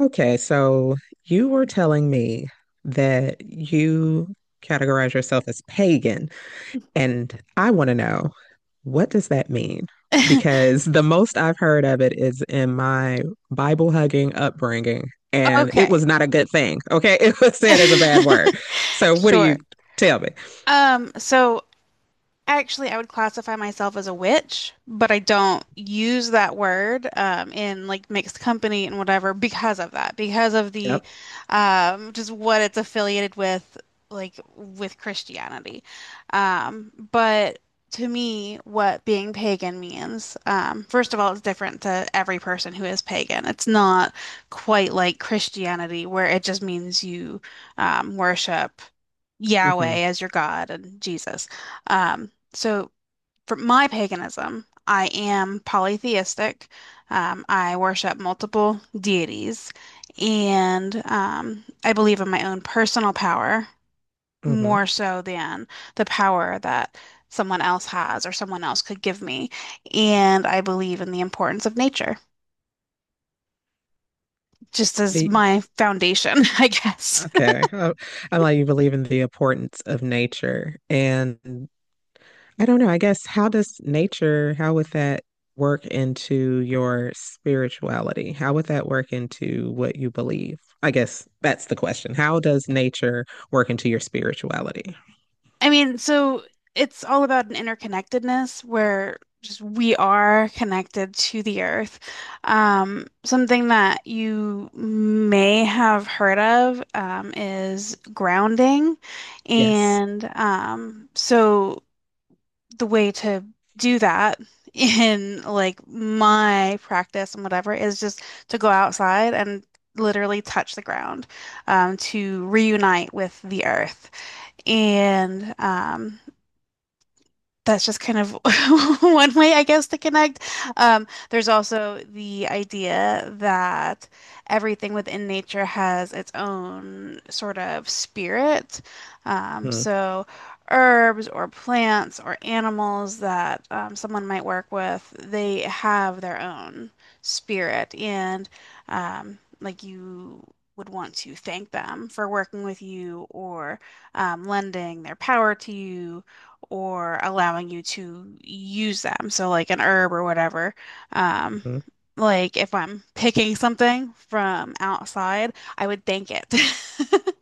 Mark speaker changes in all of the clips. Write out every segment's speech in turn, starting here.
Speaker 1: Okay, so you were telling me that you categorize yourself as pagan, and I want to know, what does that mean? Because the most I've heard of it is in my Bible hugging upbringing, and it
Speaker 2: Okay.
Speaker 1: was not a good thing. Okay, it was said as a bad word. So what do
Speaker 2: Sure.
Speaker 1: you tell me?
Speaker 2: Um, so Actually, I would classify myself as a witch, but I don't use that word in like mixed company and whatever because of that, because of the
Speaker 1: Yep.
Speaker 2: just what it's affiliated with, like with Christianity. But To me, what being pagan means, first of all, it's different to every person who is pagan. It's not quite like Christianity, where it just means you worship
Speaker 1: Mm-hmm.
Speaker 2: Yahweh as your God and Jesus. Um, so for my paganism, I am polytheistic. I worship multiple deities, and I believe in my own personal power
Speaker 1: Mm-hmm.
Speaker 2: more so than the power that someone else has or someone else could give me. And I believe in the importance of nature, just as
Speaker 1: The,
Speaker 2: my foundation, I guess.
Speaker 1: Okay. I'm like, you believe in the importance of nature and I don't know. I guess how does nature, how would that work into your spirituality? How would that work into what you believe? I guess that's the question. How does nature work into your spirituality?
Speaker 2: I mean, so it's all about an interconnectedness where just we are connected to the earth. Something that you may have heard of is grounding.
Speaker 1: Yes.
Speaker 2: And the way to do that in like my practice and whatever is just to go outside and literally touch the ground to reunite with the earth. And that's just kind of one way, I guess, to connect. There's also the idea that everything within nature has its own sort of spirit. Um, so, herbs or plants or animals that someone might work with, they have their own spirit. And like you would want to thank them for working with you or lending their power to you or allowing you to use them. So like an herb or whatever. Um,
Speaker 1: Mm-hmm.
Speaker 2: like if I'm picking something from outside, I would thank it.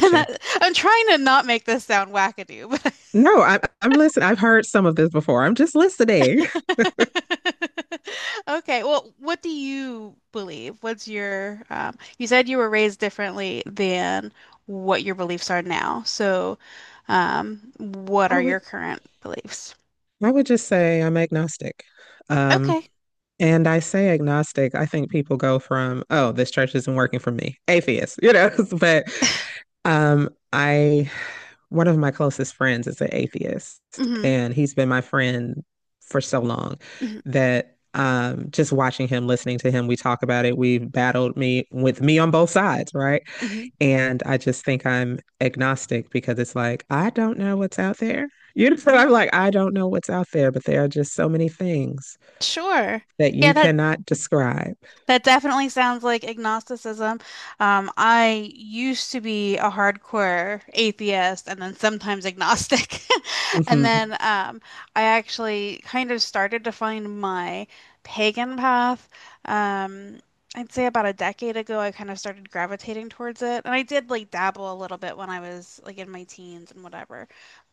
Speaker 2: And that, I'm trying to not make this sound wackadoo, but
Speaker 1: No, I'm listening. I've heard some of this before. I'm just listening.
Speaker 2: okay. Well, what do you believe? What's your, you said you were raised differently than what your beliefs are now. So, what
Speaker 1: I
Speaker 2: are
Speaker 1: would
Speaker 2: your current beliefs?
Speaker 1: I would just say I'm agnostic. Um,
Speaker 2: Okay.
Speaker 1: and I say agnostic, I think people go from, oh, this church isn't working for me, atheist, you know. But um, I, one of my closest friends is an atheist,
Speaker 2: Hmm.
Speaker 1: and he's been my friend for so long
Speaker 2: Hmm.
Speaker 1: that just watching him, listening to him, we talk about it. We've battled me with me on both sides, right?
Speaker 2: Hmm.
Speaker 1: And I just think I'm agnostic because it's like, I don't know what's out there. You know,
Speaker 2: Mhm.
Speaker 1: I'm like, I don't know what's out there, but there are just so many things
Speaker 2: Sure.
Speaker 1: that
Speaker 2: Yeah,
Speaker 1: you cannot describe.
Speaker 2: that definitely sounds like agnosticism. I used to be a hardcore atheist and then sometimes agnostic. And
Speaker 1: Mm-hmm.
Speaker 2: then I actually kind of started to find my pagan path. Um, I'd say about a decade ago, I kind of started gravitating towards it. And I did like dabble a little bit when I was like in my teens and whatever.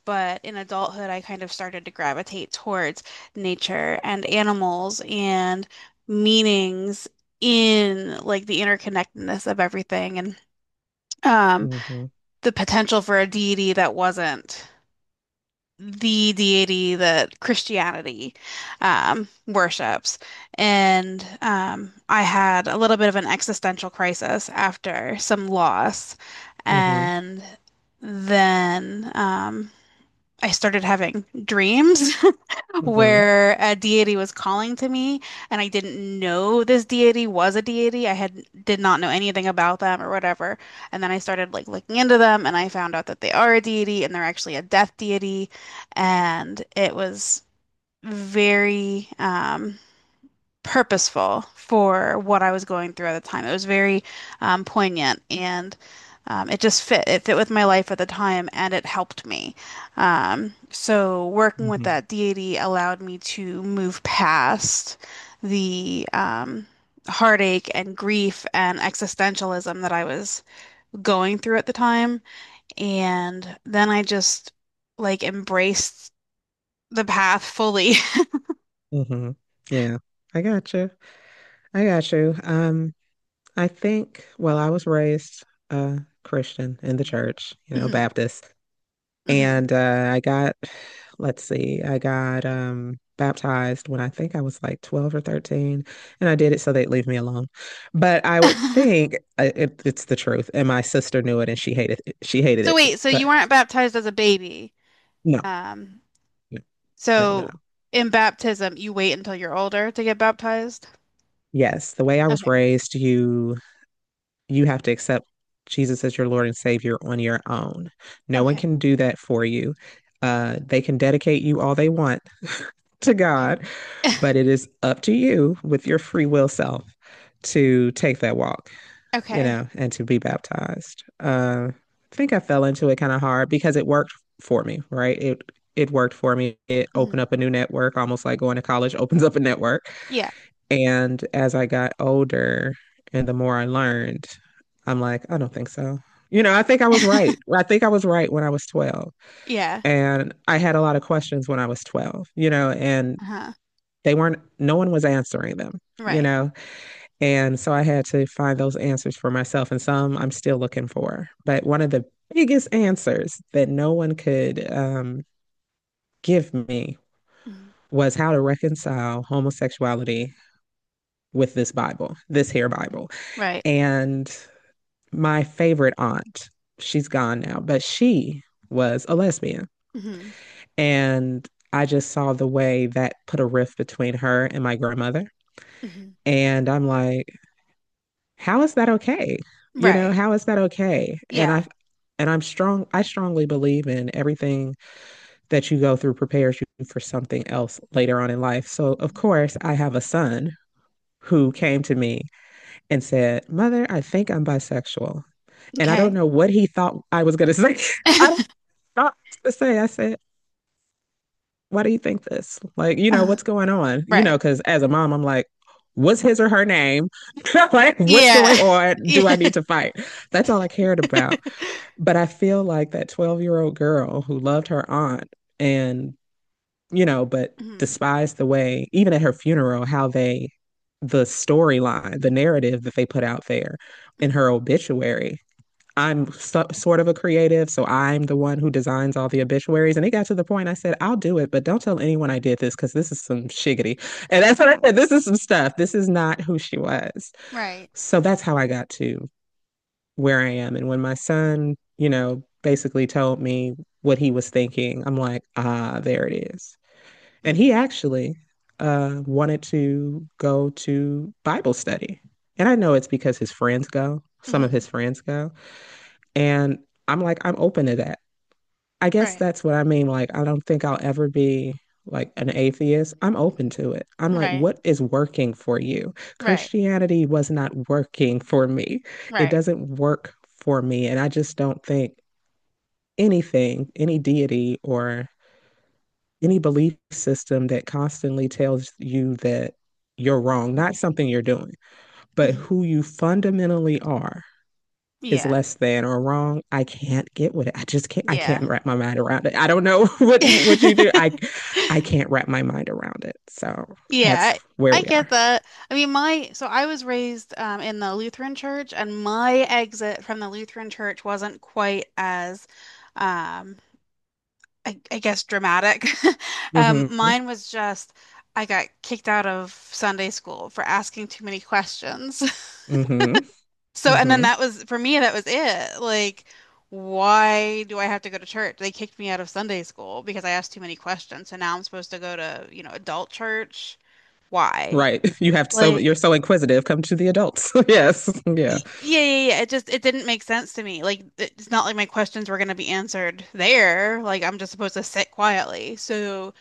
Speaker 2: But in adulthood, I kind of started to gravitate towards nature and animals and meanings in like the interconnectedness of everything and um,
Speaker 1: Mm-hmm.
Speaker 2: the potential for a deity that wasn't the deity that Christianity worships. And I had a little bit of an existential crisis after some loss.
Speaker 1: Mm-hmm.
Speaker 2: And then I started having dreams
Speaker 1: Mm-hmm.
Speaker 2: where a deity was calling to me and I didn't know this deity was a deity. I had did not know anything about them or whatever. And then I started like looking into them and I found out that they are a deity and they're actually a death deity. And it was very purposeful for what I was going through at the time. It was very poignant and it just fit. It fit with my life at the time and it helped me. So working with
Speaker 1: Mm-hmm.
Speaker 2: that deity allowed me to move past the heartache and grief and existentialism that I was going through at the time. And then I just like embraced the path fully.
Speaker 1: Mm-hmm. Yeah, I got you. I got you. I think, well, I was raised uh Christian in the church, you know,
Speaker 2: Mhm.
Speaker 1: Baptist.
Speaker 2: Mhm,
Speaker 1: And let's see, I got baptized when I think I was like 12 or 13. And I did it so they'd leave me alone. But I would
Speaker 2: mhm.
Speaker 1: think it's the truth. And my sister knew it and she hated it. She hated
Speaker 2: So
Speaker 1: it.
Speaker 2: wait, so
Speaker 1: But
Speaker 2: you weren't baptized as a baby.
Speaker 1: no,
Speaker 2: Um,
Speaker 1: no, no, no, no.
Speaker 2: so in baptism, you wait until you're older to get baptized.
Speaker 1: Yes, the way I was
Speaker 2: Okay.
Speaker 1: raised, you have to accept Jesus as your Lord and Savior on your own. No one
Speaker 2: Okay.
Speaker 1: can do that for you. They can dedicate you all they want, to
Speaker 2: Okay.
Speaker 1: God, but it is up to you with your free will self to take that walk, you
Speaker 2: Okay.
Speaker 1: know, and to be baptized. I think I fell into it kind of hard because it worked for me, right? It worked for me. It opened
Speaker 2: Mhm.
Speaker 1: up a new network, almost like going to college opens up a network.
Speaker 2: Yeah.
Speaker 1: And as I got older and the more I learned, I'm like, I don't think so. You know, I think I was right. I think I was right when I was 12.
Speaker 2: Yeah.
Speaker 1: And I had a lot of questions when I was 12, you know, and
Speaker 2: Uh-huh.
Speaker 1: they weren't no one was answering them, you
Speaker 2: Right.
Speaker 1: know. And so I had to find those answers for myself, and some I'm still looking for. But one of the biggest answers that no one could give me
Speaker 2: Mhm.
Speaker 1: was how to reconcile homosexuality with this bible, this here bible.
Speaker 2: Right.
Speaker 1: And my favorite aunt, she's gone now, but she was a lesbian.
Speaker 2: Hmm.
Speaker 1: And I just saw the way that put a rift between her and my grandmother,
Speaker 2: Hmm.
Speaker 1: and I'm like, how is that okay? You know,
Speaker 2: Right.
Speaker 1: how is that okay?
Speaker 2: Yeah.
Speaker 1: And I'm strong, I strongly believe in everything that you go through prepares you for something else later on in life. So, of
Speaker 2: Mhm.
Speaker 1: course, I have a son who came to me and said, "Mother, I think I'm bisexual." And I don't
Speaker 2: Okay.
Speaker 1: know what he thought I was going to say. I don't know what to say. I said, "Why do you think this? Like, you know,
Speaker 2: Uh,
Speaker 1: what's going on?" You
Speaker 2: right.
Speaker 1: know, because as a mom, I'm like, what's his or her name? Like, what's
Speaker 2: Yeah.
Speaker 1: going on? Do
Speaker 2: Yeah.
Speaker 1: I need to fight? That's all I cared about. But I feel like that 12-year-old girl who loved her aunt and, you know, but
Speaker 2: Mhm.
Speaker 1: despised the way, even at her funeral, how they, the storyline, the narrative that they put out there in
Speaker 2: Mhm.
Speaker 1: her obituary. I'm so, sort of a creative, so I'm the one who designs all the obituaries. And it got to the point I said, I'll do it, but don't tell anyone I did this because this is some shiggity. And that's what I said. This is some stuff. This is not who she was.
Speaker 2: Right.
Speaker 1: So that's how I got to where I am. And when my son, you know, basically told me what he was thinking, I'm like, ah, there it is. And
Speaker 2: Mhm.
Speaker 1: he actually wanted to go to Bible study. And I know it's because his friends go, some of
Speaker 2: Mhm.
Speaker 1: his friends go. And I'm like, I'm open to that. I guess
Speaker 2: Right.
Speaker 1: that's what I mean. Like, I don't think I'll ever be like an atheist. I'm open
Speaker 2: Mhm.
Speaker 1: to it. I'm like,
Speaker 2: Right.
Speaker 1: what is working for you?
Speaker 2: Right.
Speaker 1: Christianity was not working for me. It
Speaker 2: Right.
Speaker 1: doesn't work for me. And I just don't think anything, any deity or any belief system that constantly tells you that you're wrong, not something you're doing, but
Speaker 2: Mhm.
Speaker 1: who you fundamentally are is
Speaker 2: Yeah.
Speaker 1: less than or wrong, I can't get with it. I just can't. I
Speaker 2: Yeah.
Speaker 1: can't wrap my mind around it. I don't know what you do. I can't wrap my mind around it. So that's
Speaker 2: Yeah,
Speaker 1: where
Speaker 2: I
Speaker 1: we are.
Speaker 2: get that. I mean, my so I was raised in the Lutheran church, and my exit from the Lutheran church wasn't quite as, um, I guess, dramatic.
Speaker 1: Hmm.
Speaker 2: Mine was just I got kicked out of Sunday school for asking too many questions.
Speaker 1: Hmm.
Speaker 2: So, and then
Speaker 1: Hmm.
Speaker 2: that was for me, that was it. Like, why do I have to go to church? They kicked me out of Sunday school because I asked too many questions. So now I'm supposed to go to, you know, adult church. Why?
Speaker 1: Right. You have so
Speaker 2: Like,
Speaker 1: you're so inquisitive. Come to the adults. Yes. Yeah.
Speaker 2: yeah, yeah. It just it didn't make sense to me. Like, it's not like my questions were going to be answered there. Like, I'm just supposed to sit quietly. So,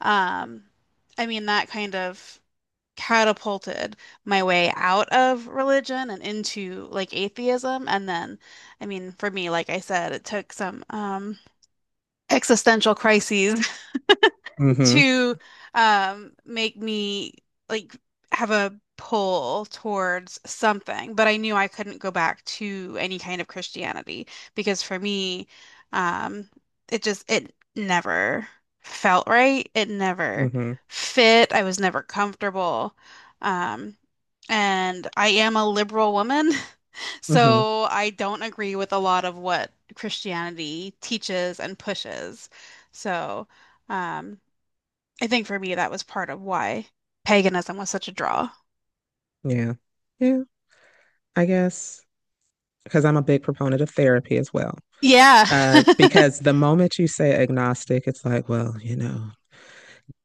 Speaker 2: um, I mean, that kind of catapulted my way out of religion and into like atheism. And then, I mean, for me, like I said, it took some existential crises
Speaker 1: Hmm.
Speaker 2: to make me like have a pull towards something, but I knew I couldn't go back to any kind of Christianity because for me, um, it just it never felt right. It never
Speaker 1: Hmm.
Speaker 2: fit. I was never comfortable. Um, and I am a liberal woman,
Speaker 1: Hmm.
Speaker 2: so I don't agree with a lot of what Christianity teaches and pushes. So, um, I think for me, that was part of why paganism was such a draw.
Speaker 1: Yeah. Yeah. I guess, because I'm a big proponent of therapy as well.
Speaker 2: Yeah.
Speaker 1: Because the moment you say agnostic, it's like, well, you know,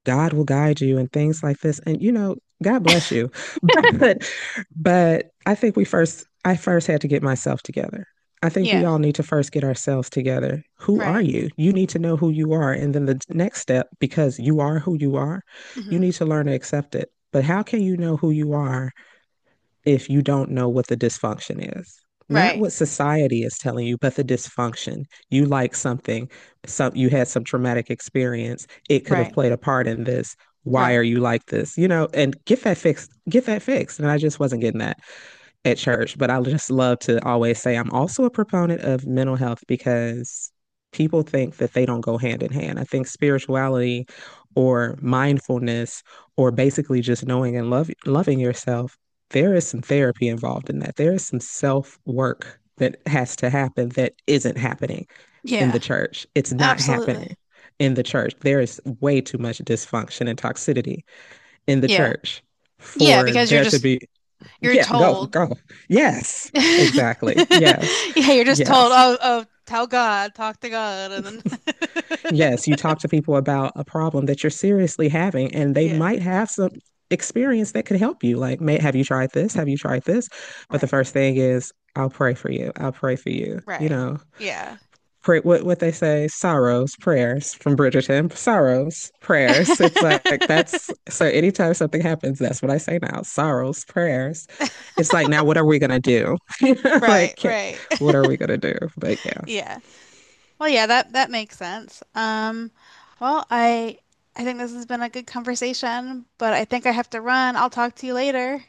Speaker 1: God will guide you and things like this. And, you know, God bless you. But, but I think I first had to get myself together. I think we
Speaker 2: Yeah.
Speaker 1: all need to first get ourselves together. Who are
Speaker 2: Right.
Speaker 1: you? You need to know who you are. And then the next step, because you are who you are, you
Speaker 2: Hmm.
Speaker 1: need to learn to accept it. But how can you know who you are if you don't know what the dysfunction is. Not
Speaker 2: Right.
Speaker 1: what society is telling you, but the dysfunction. You like something, you had some traumatic experience. It could have
Speaker 2: Right.
Speaker 1: played a part in this. Why
Speaker 2: Right.
Speaker 1: are you like this? You know, and get that fixed, get that fixed. And I just wasn't getting that at church. But I just love to always say I'm also a proponent of mental health because people think that they don't go hand in hand. I think spirituality or mindfulness or basically just knowing and loving yourself, there is some therapy involved in that. There is some self work that has to happen that isn't happening in the
Speaker 2: Yeah.
Speaker 1: church. It's not
Speaker 2: Absolutely.
Speaker 1: happening in the church. There is way too much dysfunction and toxicity in the
Speaker 2: Yeah.
Speaker 1: church
Speaker 2: Yeah,
Speaker 1: for
Speaker 2: because
Speaker 1: there to be
Speaker 2: you're
Speaker 1: yeah,
Speaker 2: told.
Speaker 1: go. Yes, exactly. Yes,
Speaker 2: Yeah, you're just told,
Speaker 1: yes,
Speaker 2: oh, tell God, talk to God, and then
Speaker 1: yes. You talk to people about a problem that you're seriously having, and they
Speaker 2: yeah.
Speaker 1: might have some experience that could help you. Like, have you tried this? Have you tried this? But the
Speaker 2: Right.
Speaker 1: first thing is, I'll pray for you. I'll pray for you, you
Speaker 2: Right.
Speaker 1: know.
Speaker 2: Yeah.
Speaker 1: Pray, what they say, sorrows, prayers from Bridgerton, sorrows, prayers. It's like that's so anytime something happens, that's what I say now, sorrows, prayers. It's like, now what are we gonna do? Like,
Speaker 2: Right,
Speaker 1: can't,
Speaker 2: right.
Speaker 1: what are we gonna do? But yes.
Speaker 2: Yeah. Well, yeah, that makes sense. Well, I think this has been a good conversation, but I think I have to run. I'll talk to you later.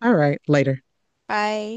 Speaker 1: All right, later.
Speaker 2: Bye.